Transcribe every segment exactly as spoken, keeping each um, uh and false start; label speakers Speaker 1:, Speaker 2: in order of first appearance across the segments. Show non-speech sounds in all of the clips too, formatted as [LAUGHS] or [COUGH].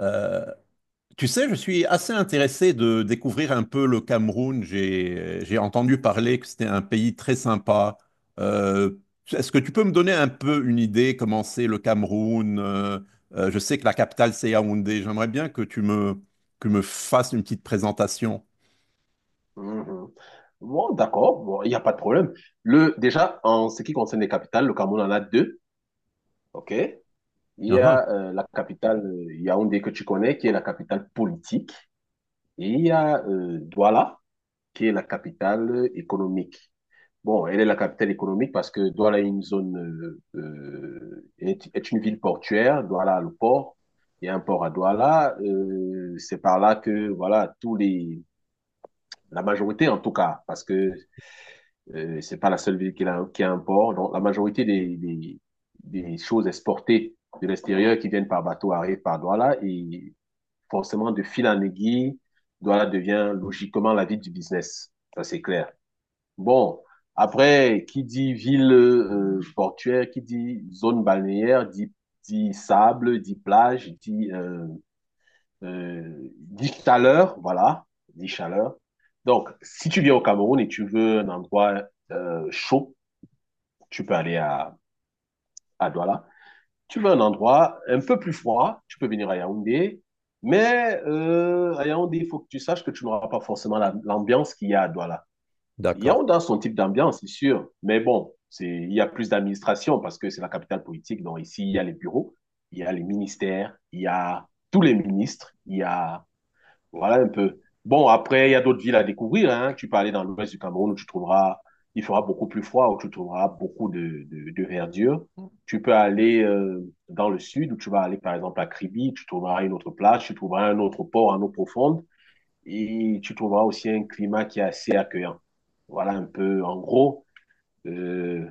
Speaker 1: Euh, Tu sais, je suis assez intéressé de découvrir un peu le Cameroun. J'ai, j'ai entendu parler que c'était un pays très sympa. Euh, Est-ce que tu peux me donner un peu une idée comment c'est le Cameroun? Euh, euh, je sais que la capitale, c'est Yaoundé. J'aimerais bien que tu me, que me fasses une petite présentation.
Speaker 2: Mhm. Bon, d'accord, bon, il n'y a pas de problème. Le, déjà, en ce qui concerne les capitales, le Cameroun en a deux, ok? Il y
Speaker 1: Ah, ah,
Speaker 2: a euh, la capitale euh, Yaoundé que tu connais, qui est la capitale politique, et il y a euh, Douala, qui est la capitale euh, économique. Bon, elle est la capitale économique parce que Douala est une zone, euh, euh, est, est une ville portuaire. Douala a le port. Il y a un port à Douala. Euh, c'est par là que, voilà, tous les, la majorité en tout cas, parce que Euh, c'est pas la seule ville qui a, qui a un port. Donc, la majorité des, des, des choses exportées de l'extérieur qui viennent par bateau arrivent par Douala et forcément, de fil en aiguille, Douala devient logiquement la ville du business. Ça, c'est clair. Bon. Après, qui dit ville euh, portuaire, qui dit zone balnéaire, dit, dit sable, dit plage, dit, euh, euh, dit chaleur, voilà, dit chaleur. Donc, si tu viens au Cameroun et tu veux un endroit euh, chaud, tu peux aller à, à Douala. Tu veux un endroit un peu plus froid, tu peux venir à Yaoundé. Mais euh, à Yaoundé, il faut que tu saches que tu n'auras pas forcément la- l'ambiance qu'il y a à Douala.
Speaker 1: d'accord.
Speaker 2: Yaoundé a son type d'ambiance, c'est sûr. Mais bon, c'est, il y a plus d'administration parce que c'est la capitale politique. Donc ici, il y a les bureaux, il y a les ministères, il y a tous les ministres, il y a voilà un peu. Bon, après, il y a d'autres villes à découvrir, hein. Tu peux aller dans l'ouest du Cameroun où tu trouveras, il fera beaucoup plus froid, où tu trouveras beaucoup de, de, de verdure. Tu peux aller euh, dans le sud où tu vas aller par exemple à Kribi, tu trouveras une autre plage, tu trouveras un autre port en eau profonde et tu trouveras aussi un climat qui est assez accueillant. Voilà un peu, en gros, euh,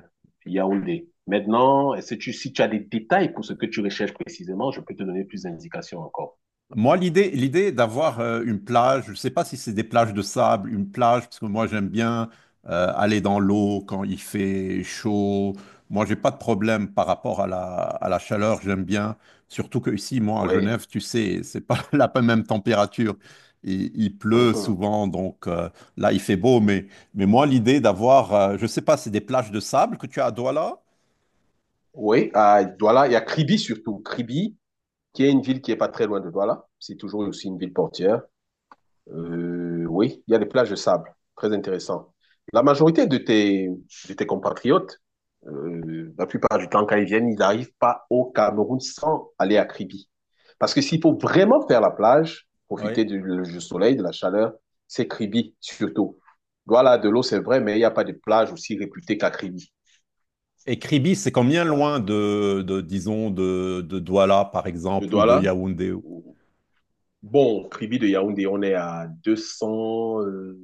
Speaker 2: Yaoundé. Maintenant, est-ce que tu, si tu as des détails pour ce que tu recherches précisément, je peux te donner plus d'indications encore.
Speaker 1: Moi, l'idée, l'idée d'avoir euh, une plage, je ne sais pas si c'est des plages de sable, une plage, parce que moi, j'aime bien euh, aller dans l'eau quand il fait chaud. Moi, j'ai pas de problème par rapport à la, à la chaleur, j'aime bien. Surtout que ici, moi, à
Speaker 2: Oui.
Speaker 1: Genève, tu sais, c'est pas [LAUGHS] la même température. Il, il pleut
Speaker 2: [LAUGHS]
Speaker 1: souvent, donc euh, là, il fait beau. Mais, mais moi, l'idée d'avoir, euh, je ne sais pas, c'est des plages de sable que tu as à Douala?
Speaker 2: Oui, à Douala, il y a Kribi surtout. Kribi, qui est une ville qui est pas très loin de Douala. C'est toujours aussi une ville portière. Euh, oui, il y a des plages de sable. Très intéressant. La majorité de tes, de tes compatriotes, euh, la plupart du temps, quand ils viennent, ils n'arrivent pas au Cameroun sans aller à Kribi. Parce que s'il faut vraiment faire la plage,
Speaker 1: Oui.
Speaker 2: profiter du, du soleil, de la chaleur, c'est Kribi surtout. Douala, de l'eau, c'est vrai, mais il n'y a pas de plage aussi réputée qu'à Kribi.
Speaker 1: Et Kribi, c'est combien
Speaker 2: Voilà.
Speaker 1: loin de, de disons, de, de Douala, par
Speaker 2: De
Speaker 1: exemple, ou de
Speaker 2: Douala,
Speaker 1: Yaoundé? ou-
Speaker 2: bon, Kribi de Yaoundé, on est à deux cents, euh,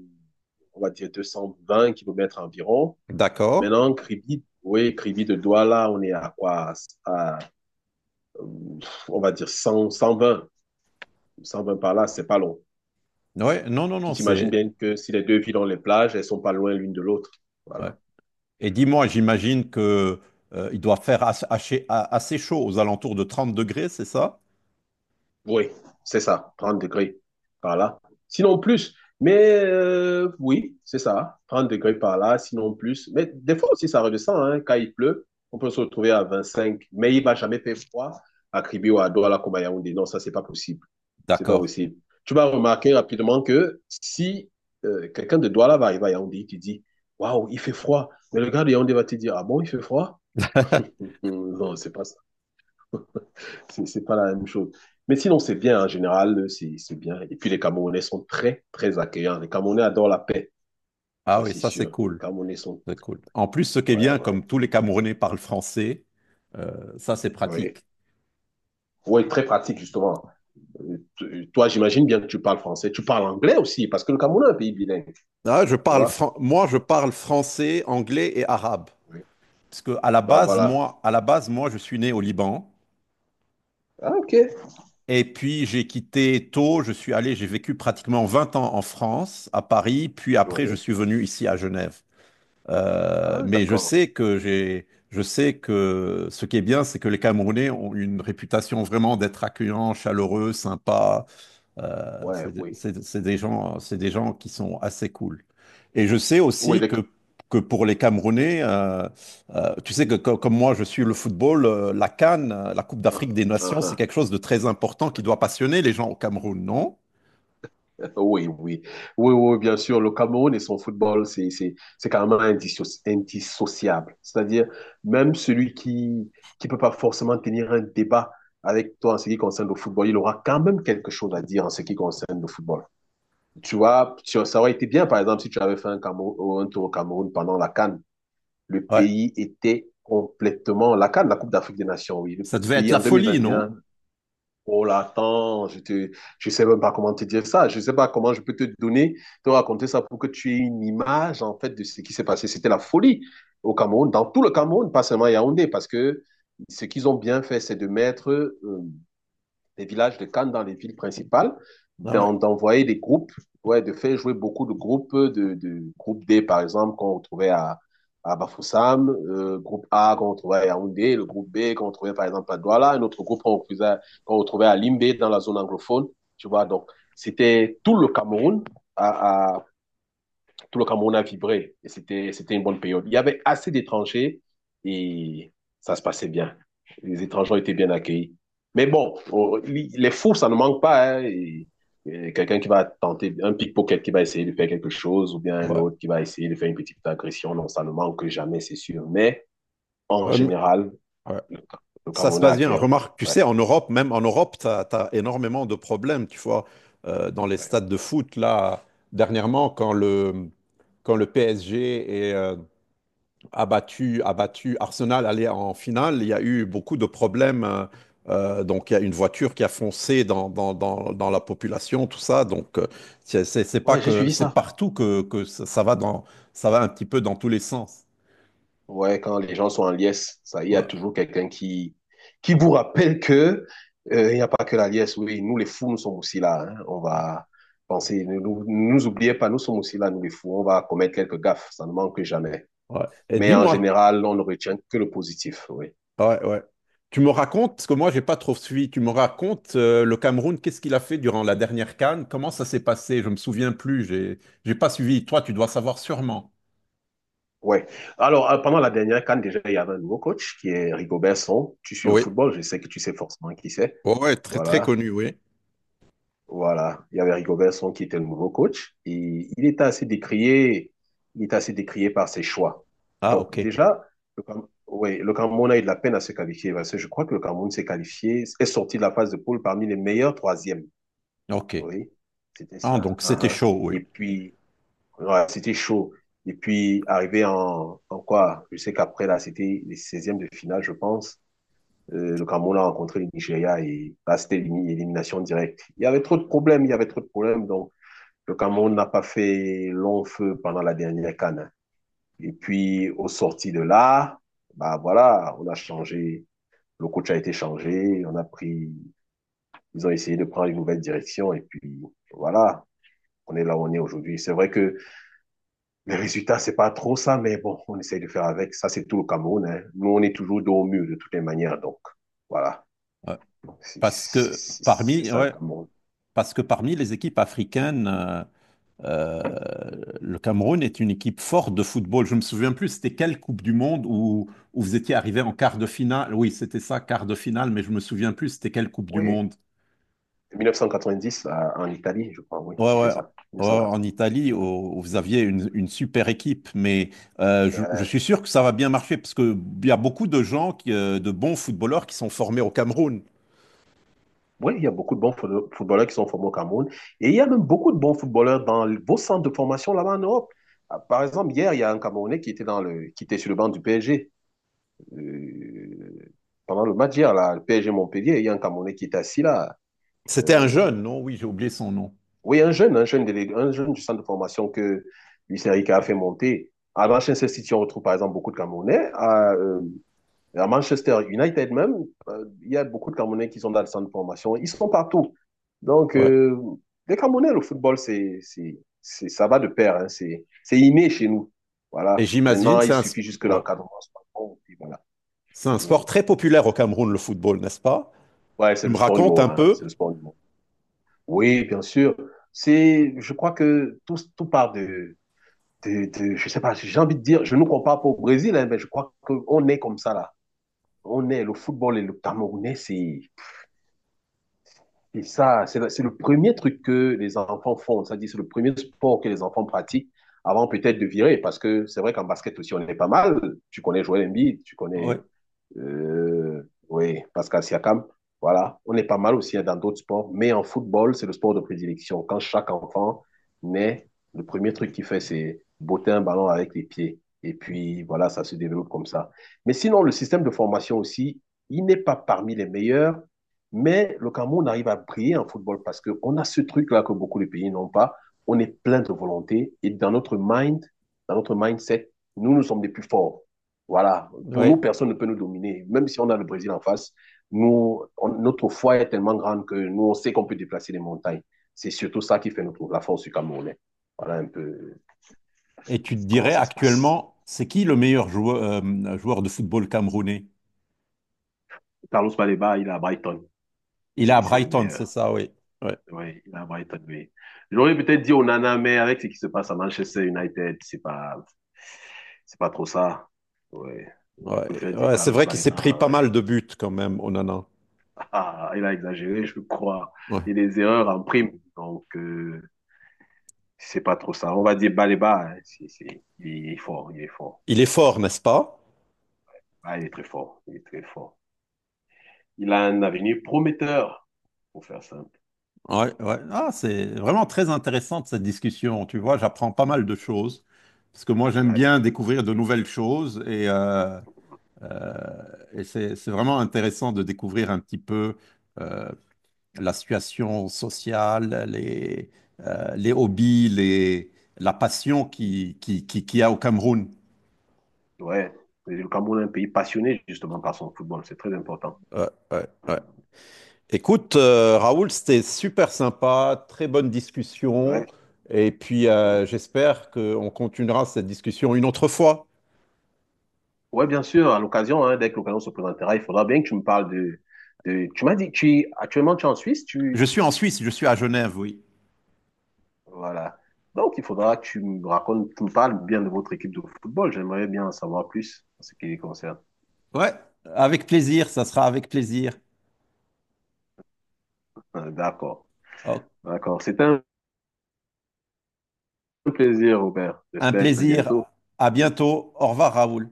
Speaker 2: on va dire deux cent vingt kilomètres environ.
Speaker 1: D'accord.
Speaker 2: Maintenant, Kribi, oui, Kribi de Douala, on est à quoi? À, euh, on va dire cent, cent vingt, cent vingt par là, c'est pas long.
Speaker 1: Ouais, non, non,
Speaker 2: Tu
Speaker 1: non,
Speaker 2: t'imagines
Speaker 1: c'est.
Speaker 2: bien que si les deux villes ont les plages, elles sont pas loin l'une de l'autre.
Speaker 1: Ouais.
Speaker 2: Voilà.
Speaker 1: Et dis-moi, j'imagine que euh, il doit faire as- assez, a- assez chaud, aux alentours de trente degrés, c'est ça?
Speaker 2: Oui, c'est ça, trente degrés par là. Sinon plus, mais euh, oui, c'est ça, trente degrés par là, sinon plus. Mais des fois aussi, ça redescend, hein, quand il pleut, on peut se retrouver à vingt-cinq. Mais il va jamais faire froid à Kribi ou à Douala comme à Yaoundé. Non, ça, c'est pas possible. C'est pas
Speaker 1: D'accord.
Speaker 2: possible. Tu vas remarquer rapidement que si euh, quelqu'un de Douala va arriver à Yaoundé, tu dis, waouh, il fait froid. Mais le gars de Yaoundé va te dire, ah bon, il fait froid? [LAUGHS]
Speaker 1: [LAUGHS]
Speaker 2: Non, c'est pas ça, c'est c'est pas la même chose. Mais sinon, c'est bien en général, c'est c'est bien. Et puis les Camerounais sont très, très accueillants. Les Camerounais adorent la paix,
Speaker 1: Ah
Speaker 2: ça
Speaker 1: oui,
Speaker 2: c'est
Speaker 1: ça, c'est
Speaker 2: sûr. Les
Speaker 1: cool.
Speaker 2: Camerounais sont...
Speaker 1: C'est cool. En plus, ce qui est
Speaker 2: Ouais,
Speaker 1: bien,
Speaker 2: ouais,
Speaker 1: comme tous les Camerounais parlent français, euh, ça, c'est
Speaker 2: ouais.
Speaker 1: pratique.
Speaker 2: Ouais, très pratique justement. Euh, t- Toi, j'imagine bien que tu parles français. Tu parles anglais aussi, parce que le Cameroun est un pays bilingue,
Speaker 1: Ah, je
Speaker 2: tu
Speaker 1: parle
Speaker 2: vois.
Speaker 1: fran- Moi, je
Speaker 2: Si.
Speaker 1: parle français, anglais et arabe.
Speaker 2: Oui.
Speaker 1: Parce que à la
Speaker 2: Bah
Speaker 1: base,
Speaker 2: voilà.
Speaker 1: moi, à la base, moi, je suis né au Liban.
Speaker 2: Ah, ok.
Speaker 1: Et puis j'ai quitté tôt, je suis allé, j'ai vécu pratiquement vingt ans en France, à Paris, puis après je
Speaker 2: Oui.
Speaker 1: suis venu ici à Genève. Euh,
Speaker 2: Ah,
Speaker 1: mais je
Speaker 2: d'accord.
Speaker 1: sais que j'ai, je sais que ce qui est bien, c'est que les Camerounais ont une réputation vraiment d'être accueillants, chaleureux, sympas. Euh,
Speaker 2: Ouais,
Speaker 1: c'est
Speaker 2: oui.
Speaker 1: c'est- c'est des gens, c'est des gens qui sont assez cool. Et je sais
Speaker 2: Oui,
Speaker 1: aussi
Speaker 2: les...
Speaker 1: que, que pour les Camerounais, euh, euh, tu sais que co- comme moi, je suis le football, euh, la C A N, euh, la Coupe
Speaker 2: Ah,
Speaker 1: d'Afrique des
Speaker 2: ah,
Speaker 1: Nations, c'est
Speaker 2: ah.
Speaker 1: quelque chose de très important qui doit passionner les gens au Cameroun, non?
Speaker 2: Oui, oui, oui, oui, oui, bien sûr. Le Cameroun et son football, c'est, c'est, c'est carrément indisso- indissociable. C'est-à-dire, même celui qui qui peut pas forcément tenir un débat avec toi en ce qui concerne le football, il aura quand même quelque chose à dire en ce qui concerne le football. Tu vois, tu- ça aurait été bien, par exemple, si tu avais fait un, Cameroun, un tour au Cameroun pendant la CAN. Le
Speaker 1: Ouais.
Speaker 2: pays était complètement, la CAN, la Coupe d'Afrique des Nations, oui. Le
Speaker 1: Ça devait être
Speaker 2: pays en
Speaker 1: la
Speaker 2: deux mille
Speaker 1: folie,
Speaker 2: vingt et un.
Speaker 1: non?
Speaker 2: Oh là, attends, je te, je sais même pas comment te dire ça. Je sais pas comment je peux te donner, te raconter ça pour que tu aies une image, en fait, de ce qui s'est passé. C'était la folie au Cameroun, dans tout le Cameroun, pas seulement à Yaoundé, parce que ce qu'ils ont bien fait, c'est de mettre euh, des villages de Cannes dans les villes principales,
Speaker 1: Ah oui.
Speaker 2: d'envoyer des groupes, ouais, de faire jouer beaucoup de groupes, de, de groupe D par exemple qu'on retrouvait à, à Bafoussam, euh, groupe A qu'on retrouvait à Yaoundé, le groupe B qu'on retrouvait par exemple à Douala, un autre groupe qu'on retrouvait, qu'on retrouvait à Limbé dans la zone anglophone, tu vois. Donc c'était tout le Cameroun à, à tout le Cameroun a vibré et c'était, c'était une bonne période. Il y avait assez d'étrangers et ça se passait bien. Les étrangers ont été bien accueillis. Mais bon, on- les fous, ça ne manque pas, hein. et- et Quelqu'un qui va tenter, un pickpocket qui va essayer de faire quelque chose, ou bien un
Speaker 1: Ouais.
Speaker 2: autre qui va essayer de faire une petite agression, non, ça ne manque jamais, c'est sûr. Mais en
Speaker 1: Euh,
Speaker 2: général,
Speaker 1: ouais.
Speaker 2: le, le
Speaker 1: Ça se
Speaker 2: Cameroun est
Speaker 1: passe bien.
Speaker 2: accueillant.
Speaker 1: Remarque, tu
Speaker 2: Ouais,
Speaker 1: sais, en Europe, même en Europe, tu as, énormément de problèmes. Tu vois, Euh, dans les
Speaker 2: ouais.
Speaker 1: stades de foot, là, dernièrement, quand le, quand le P S G est euh, abattu, abattu, Arsenal allait en finale, il y a eu beaucoup de problèmes. Euh, euh, donc, il y a une voiture qui a foncé dans, dans, dans- dans la population, tout ça. Donc, euh, c'est c'est- c'est pas
Speaker 2: Ouais, j'ai
Speaker 1: que,
Speaker 2: suivi
Speaker 1: c'est
Speaker 2: ça.
Speaker 1: partout que, que ça, ça va dans, ça va un petit peu dans tous les sens.
Speaker 2: Ouais, quand les gens sont en liesse, ça, il y a
Speaker 1: Ouais.
Speaker 2: toujours quelqu'un qui, qui vous rappelle que euh, il n'y a pas que la liesse. Oui, nous les fous, nous sommes aussi là, hein. On va penser, ne nous, ne nous oubliez pas, nous sommes aussi là, nous les fous. On va commettre quelques gaffes, ça ne manque jamais.
Speaker 1: Ouais. Et
Speaker 2: Mais en
Speaker 1: dis-moi,
Speaker 2: général, on ne retient que le positif. Oui.
Speaker 1: ouais, ouais. Tu me racontes, parce que moi, j'ai pas trop suivi, tu me racontes euh, le Cameroun, qu'est-ce qu'il a fait durant la dernière C A N? Comment ça s'est passé? Je me souviens plus, j'ai j'ai pas suivi. Toi, tu dois savoir sûrement.
Speaker 2: Ouais. Alors, euh, pendant la dernière CAN, déjà, il y avait un nouveau coach qui est Rigobert Song. Tu suis le
Speaker 1: Oui,
Speaker 2: football, je sais que tu sais forcément qui c'est.
Speaker 1: ouais, ouais, très très
Speaker 2: Voilà.
Speaker 1: connu, oui.
Speaker 2: Voilà, il y avait Rigo Vincent qui était le nouveau coach et il était assez décrié, il était assez décrié par ses choix.
Speaker 1: Ah,
Speaker 2: Donc
Speaker 1: ok,
Speaker 2: déjà, le, Cam- ouais, le Cameroun a eu de la peine à se qualifier parce que je crois que le Cameroun s'est qualifié, est sorti de la phase de poule parmi les meilleurs troisièmes.
Speaker 1: ok.
Speaker 2: Oui, c'était
Speaker 1: Ah,
Speaker 2: ça.
Speaker 1: donc c'était
Speaker 2: Uhum.
Speaker 1: chaud,
Speaker 2: Et
Speaker 1: oui.
Speaker 2: puis, ouais, c'était chaud. Et puis, arrivé en, en quoi? Je sais qu'après, là, c'était les seizièmes de finale, je pense. Euh, le Cameroun a rencontré le Nigeria et là, c'était élimination directe. Il y avait trop de problèmes, il y avait trop de problèmes. Donc, le Cameroun n'a pas fait long feu pendant la dernière CAN. Et puis, au sorti de là, bah voilà, on a changé. Le coach a été changé. On a pris, ils ont essayé de prendre une nouvelle direction. Et puis, voilà, on est là où on est aujourd'hui. C'est vrai que les résultats, c'est pas trop ça, mais bon, on essaye de faire avec. Ça, c'est tout le Cameroun, hein. Nous, on est toujours dos au mur de toutes les manières. Donc, voilà.
Speaker 1: Ouais.
Speaker 2: C'est
Speaker 1: Parce que
Speaker 2: c'est- c'est
Speaker 1: parmi,
Speaker 2: ça le
Speaker 1: ouais,
Speaker 2: Cameroun.
Speaker 1: Parce que parmi les équipes africaines, euh, euh, le Cameroun est une équipe forte de football. Je me souviens plus, c'était quelle Coupe du Monde où, où vous étiez arrivé en quart de finale? Oui, c'était ça, quart de finale, mais je me souviens plus, c'était quelle Coupe du
Speaker 2: Oui.
Speaker 1: Monde?
Speaker 2: mille neuf cent quatre-vingt-dix à- en Italie, je crois, oui,
Speaker 1: Ouais,
Speaker 2: c'était
Speaker 1: ouais.
Speaker 2: ça.
Speaker 1: ouais, en Italie,
Speaker 2: mille neuf cent quatre-vingt-dix.
Speaker 1: où où vous aviez une, une super équipe, mais euh, je, je
Speaker 2: Euh,
Speaker 1: suis sûr que ça va bien marcher parce que il y a beaucoup de gens, qui, euh, de bons footballeurs qui sont formés au Cameroun.
Speaker 2: oui, il y a beaucoup de bons foot- footballeurs qui sont formés au Cameroun. Et il y a même beaucoup de bons footballeurs dans vos centres de formation là-bas en Europe. Ah, par exemple, hier, il y a un Camerounais qui était, dans le, qui était sur le banc du P S G. Euh, pendant le match hier, là, le P S G Montpellier, il y a un Camerounais qui était assis là.
Speaker 1: C'était un
Speaker 2: Euh,
Speaker 1: jeune, non? Oui, j'ai oublié son nom.
Speaker 2: Oui, un jeune, un jeune délégué, un jeune du centre de formation que Luis Enrique a fait monter. À Manchester City, on retrouve par exemple beaucoup de Camerounais. À, euh, à Manchester United même, euh, il y a beaucoup de Camerounais qui sont dans le centre de formation. Ils sont partout. Donc,
Speaker 1: Ouais.
Speaker 2: euh, les Camerounais, le football, c'est, c'est, c'est- ça va de pair, hein. C'est, c'est inné chez nous.
Speaker 1: Et
Speaker 2: Voilà.
Speaker 1: j'imagine,
Speaker 2: Maintenant,
Speaker 1: c'est
Speaker 2: il
Speaker 1: un, s-
Speaker 2: suffit juste que
Speaker 1: ouais.
Speaker 2: l'encadrement soit bon, et puis voilà.
Speaker 1: C'est un sport
Speaker 2: Mhm.
Speaker 1: très populaire au Cameroun, le football, n'est-ce pas?
Speaker 2: Ouais, c'est
Speaker 1: Tu
Speaker 2: le
Speaker 1: me
Speaker 2: sport du
Speaker 1: racontes
Speaker 2: mot,
Speaker 1: un
Speaker 2: hein.
Speaker 1: peu?
Speaker 2: C'est le sport du mot. Oui, bien sûr. C'est, je crois que tout, tout part de, de, de- je sais pas, j'ai envie de dire, je ne compare pas au Brésil, hein, mais je crois qu'on est comme ça là. On est, le football et le Camerounais, c'est, et ça, c'est le, c'est le premier truc que les enfants font. Ça dit c'est le premier sport que les enfants pratiquent avant peut-être de virer. Parce que c'est vrai qu'en basket aussi, on est pas mal. Tu connais Joël Embiid, tu connais
Speaker 1: Ouais,
Speaker 2: euh, oui, Pascal Siakam. Voilà, on est pas mal aussi hein, dans d'autres sports. Mais en football, c'est le sport de prédilection. Quand chaque enfant naît, le premier truc qu'il fait, c'est botter un ballon avec les pieds. Et puis, voilà, ça se développe comme ça. Mais sinon, le système de formation aussi, il n'est pas parmi les meilleurs, mais le Cameroun arrive à briller en football parce qu'on a ce truc-là que beaucoup de pays n'ont pas. On est plein de volonté et dans notre mind, dans notre mindset, nous, nous sommes les plus forts. Voilà. Pour nous,
Speaker 1: ouais.
Speaker 2: personne ne peut nous dominer. Même si on a le Brésil en face, nous, on- notre foi est tellement grande que nous, on sait qu'on peut déplacer les montagnes. C'est surtout ça qui fait notre, la force du Camerounais. Voilà un peu
Speaker 1: Et tu te
Speaker 2: comment
Speaker 1: dirais
Speaker 2: ça se passe.
Speaker 1: actuellement, c'est qui le meilleur joueur, euh, joueur de football camerounais?
Speaker 2: Carlos Baleba, il est à Brighton,
Speaker 1: Il est à
Speaker 2: c'est le
Speaker 1: Brighton, c'est
Speaker 2: meilleur.
Speaker 1: ça, oui. Ouais,
Speaker 2: Oui, il est à Brighton, oui. J'aurais peut-être dit Onana, mais avec ce qui se passe à Manchester United, c'est pas, c'est pas trop ça. Ouais. Je préfère
Speaker 1: ouais.
Speaker 2: dire
Speaker 1: Ouais, c'est
Speaker 2: Carlos
Speaker 1: vrai qu'il s'est pris
Speaker 2: Balema,
Speaker 1: pas mal
Speaker 2: ouais.
Speaker 1: de buts quand même, Onana.
Speaker 2: [LAUGHS] Ah, il a exagéré, je crois.
Speaker 1: Ouais.
Speaker 2: Il y a des erreurs en prime. Donc, euh, c'est pas trop ça. On va dire Baleba, hein. C'est- c'est- il est fort, il est fort.
Speaker 1: Il est fort, n'est-ce pas?
Speaker 2: Ah, il est très fort, il est très fort. Il a un avenir prometteur, pour faire simple.
Speaker 1: Ouais, ouais. Ah, c'est vraiment très intéressante cette discussion. Tu vois, j'apprends pas mal de choses. Parce que moi, j'aime
Speaker 2: Ouais.
Speaker 1: bien découvrir de nouvelles choses et, euh, et c'est, c'est vraiment intéressant de découvrir un petit peu euh, la situation sociale, les, euh, les hobbies, les, la passion qui, qui, qui, qu'il y a au Cameroun.
Speaker 2: Ouais. Et le Cameroun est un pays passionné, justement, par son football. C'est très important.
Speaker 1: Ouais, ouais, ouais. Écoute, euh, Raoul, c'était super sympa, très bonne discussion.
Speaker 2: Ouais.
Speaker 1: Et puis, euh, j'espère qu'on continuera cette discussion une autre fois.
Speaker 2: Ouais, bien sûr, à l'occasion, hein, dès que l'occasion se présentera, il faudra bien que tu me parles de, de... Tu m'as dit, tu actuellement tu es en Suisse,
Speaker 1: Je
Speaker 2: tu...
Speaker 1: suis en Suisse, je suis à Genève, oui.
Speaker 2: Voilà. Donc, il faudra que tu me racontes, tu me parles bien de votre équipe de football. J'aimerais bien en savoir plus en ce qui les concerne.
Speaker 1: Ouais, avec plaisir, ça sera avec plaisir.
Speaker 2: Euh, D'accord,
Speaker 1: Oh,
Speaker 2: d'accord. C'était un plaisir, Robert.
Speaker 1: un
Speaker 2: J'espère que très
Speaker 1: plaisir.
Speaker 2: bientôt.
Speaker 1: À bientôt. Au revoir, Raoul.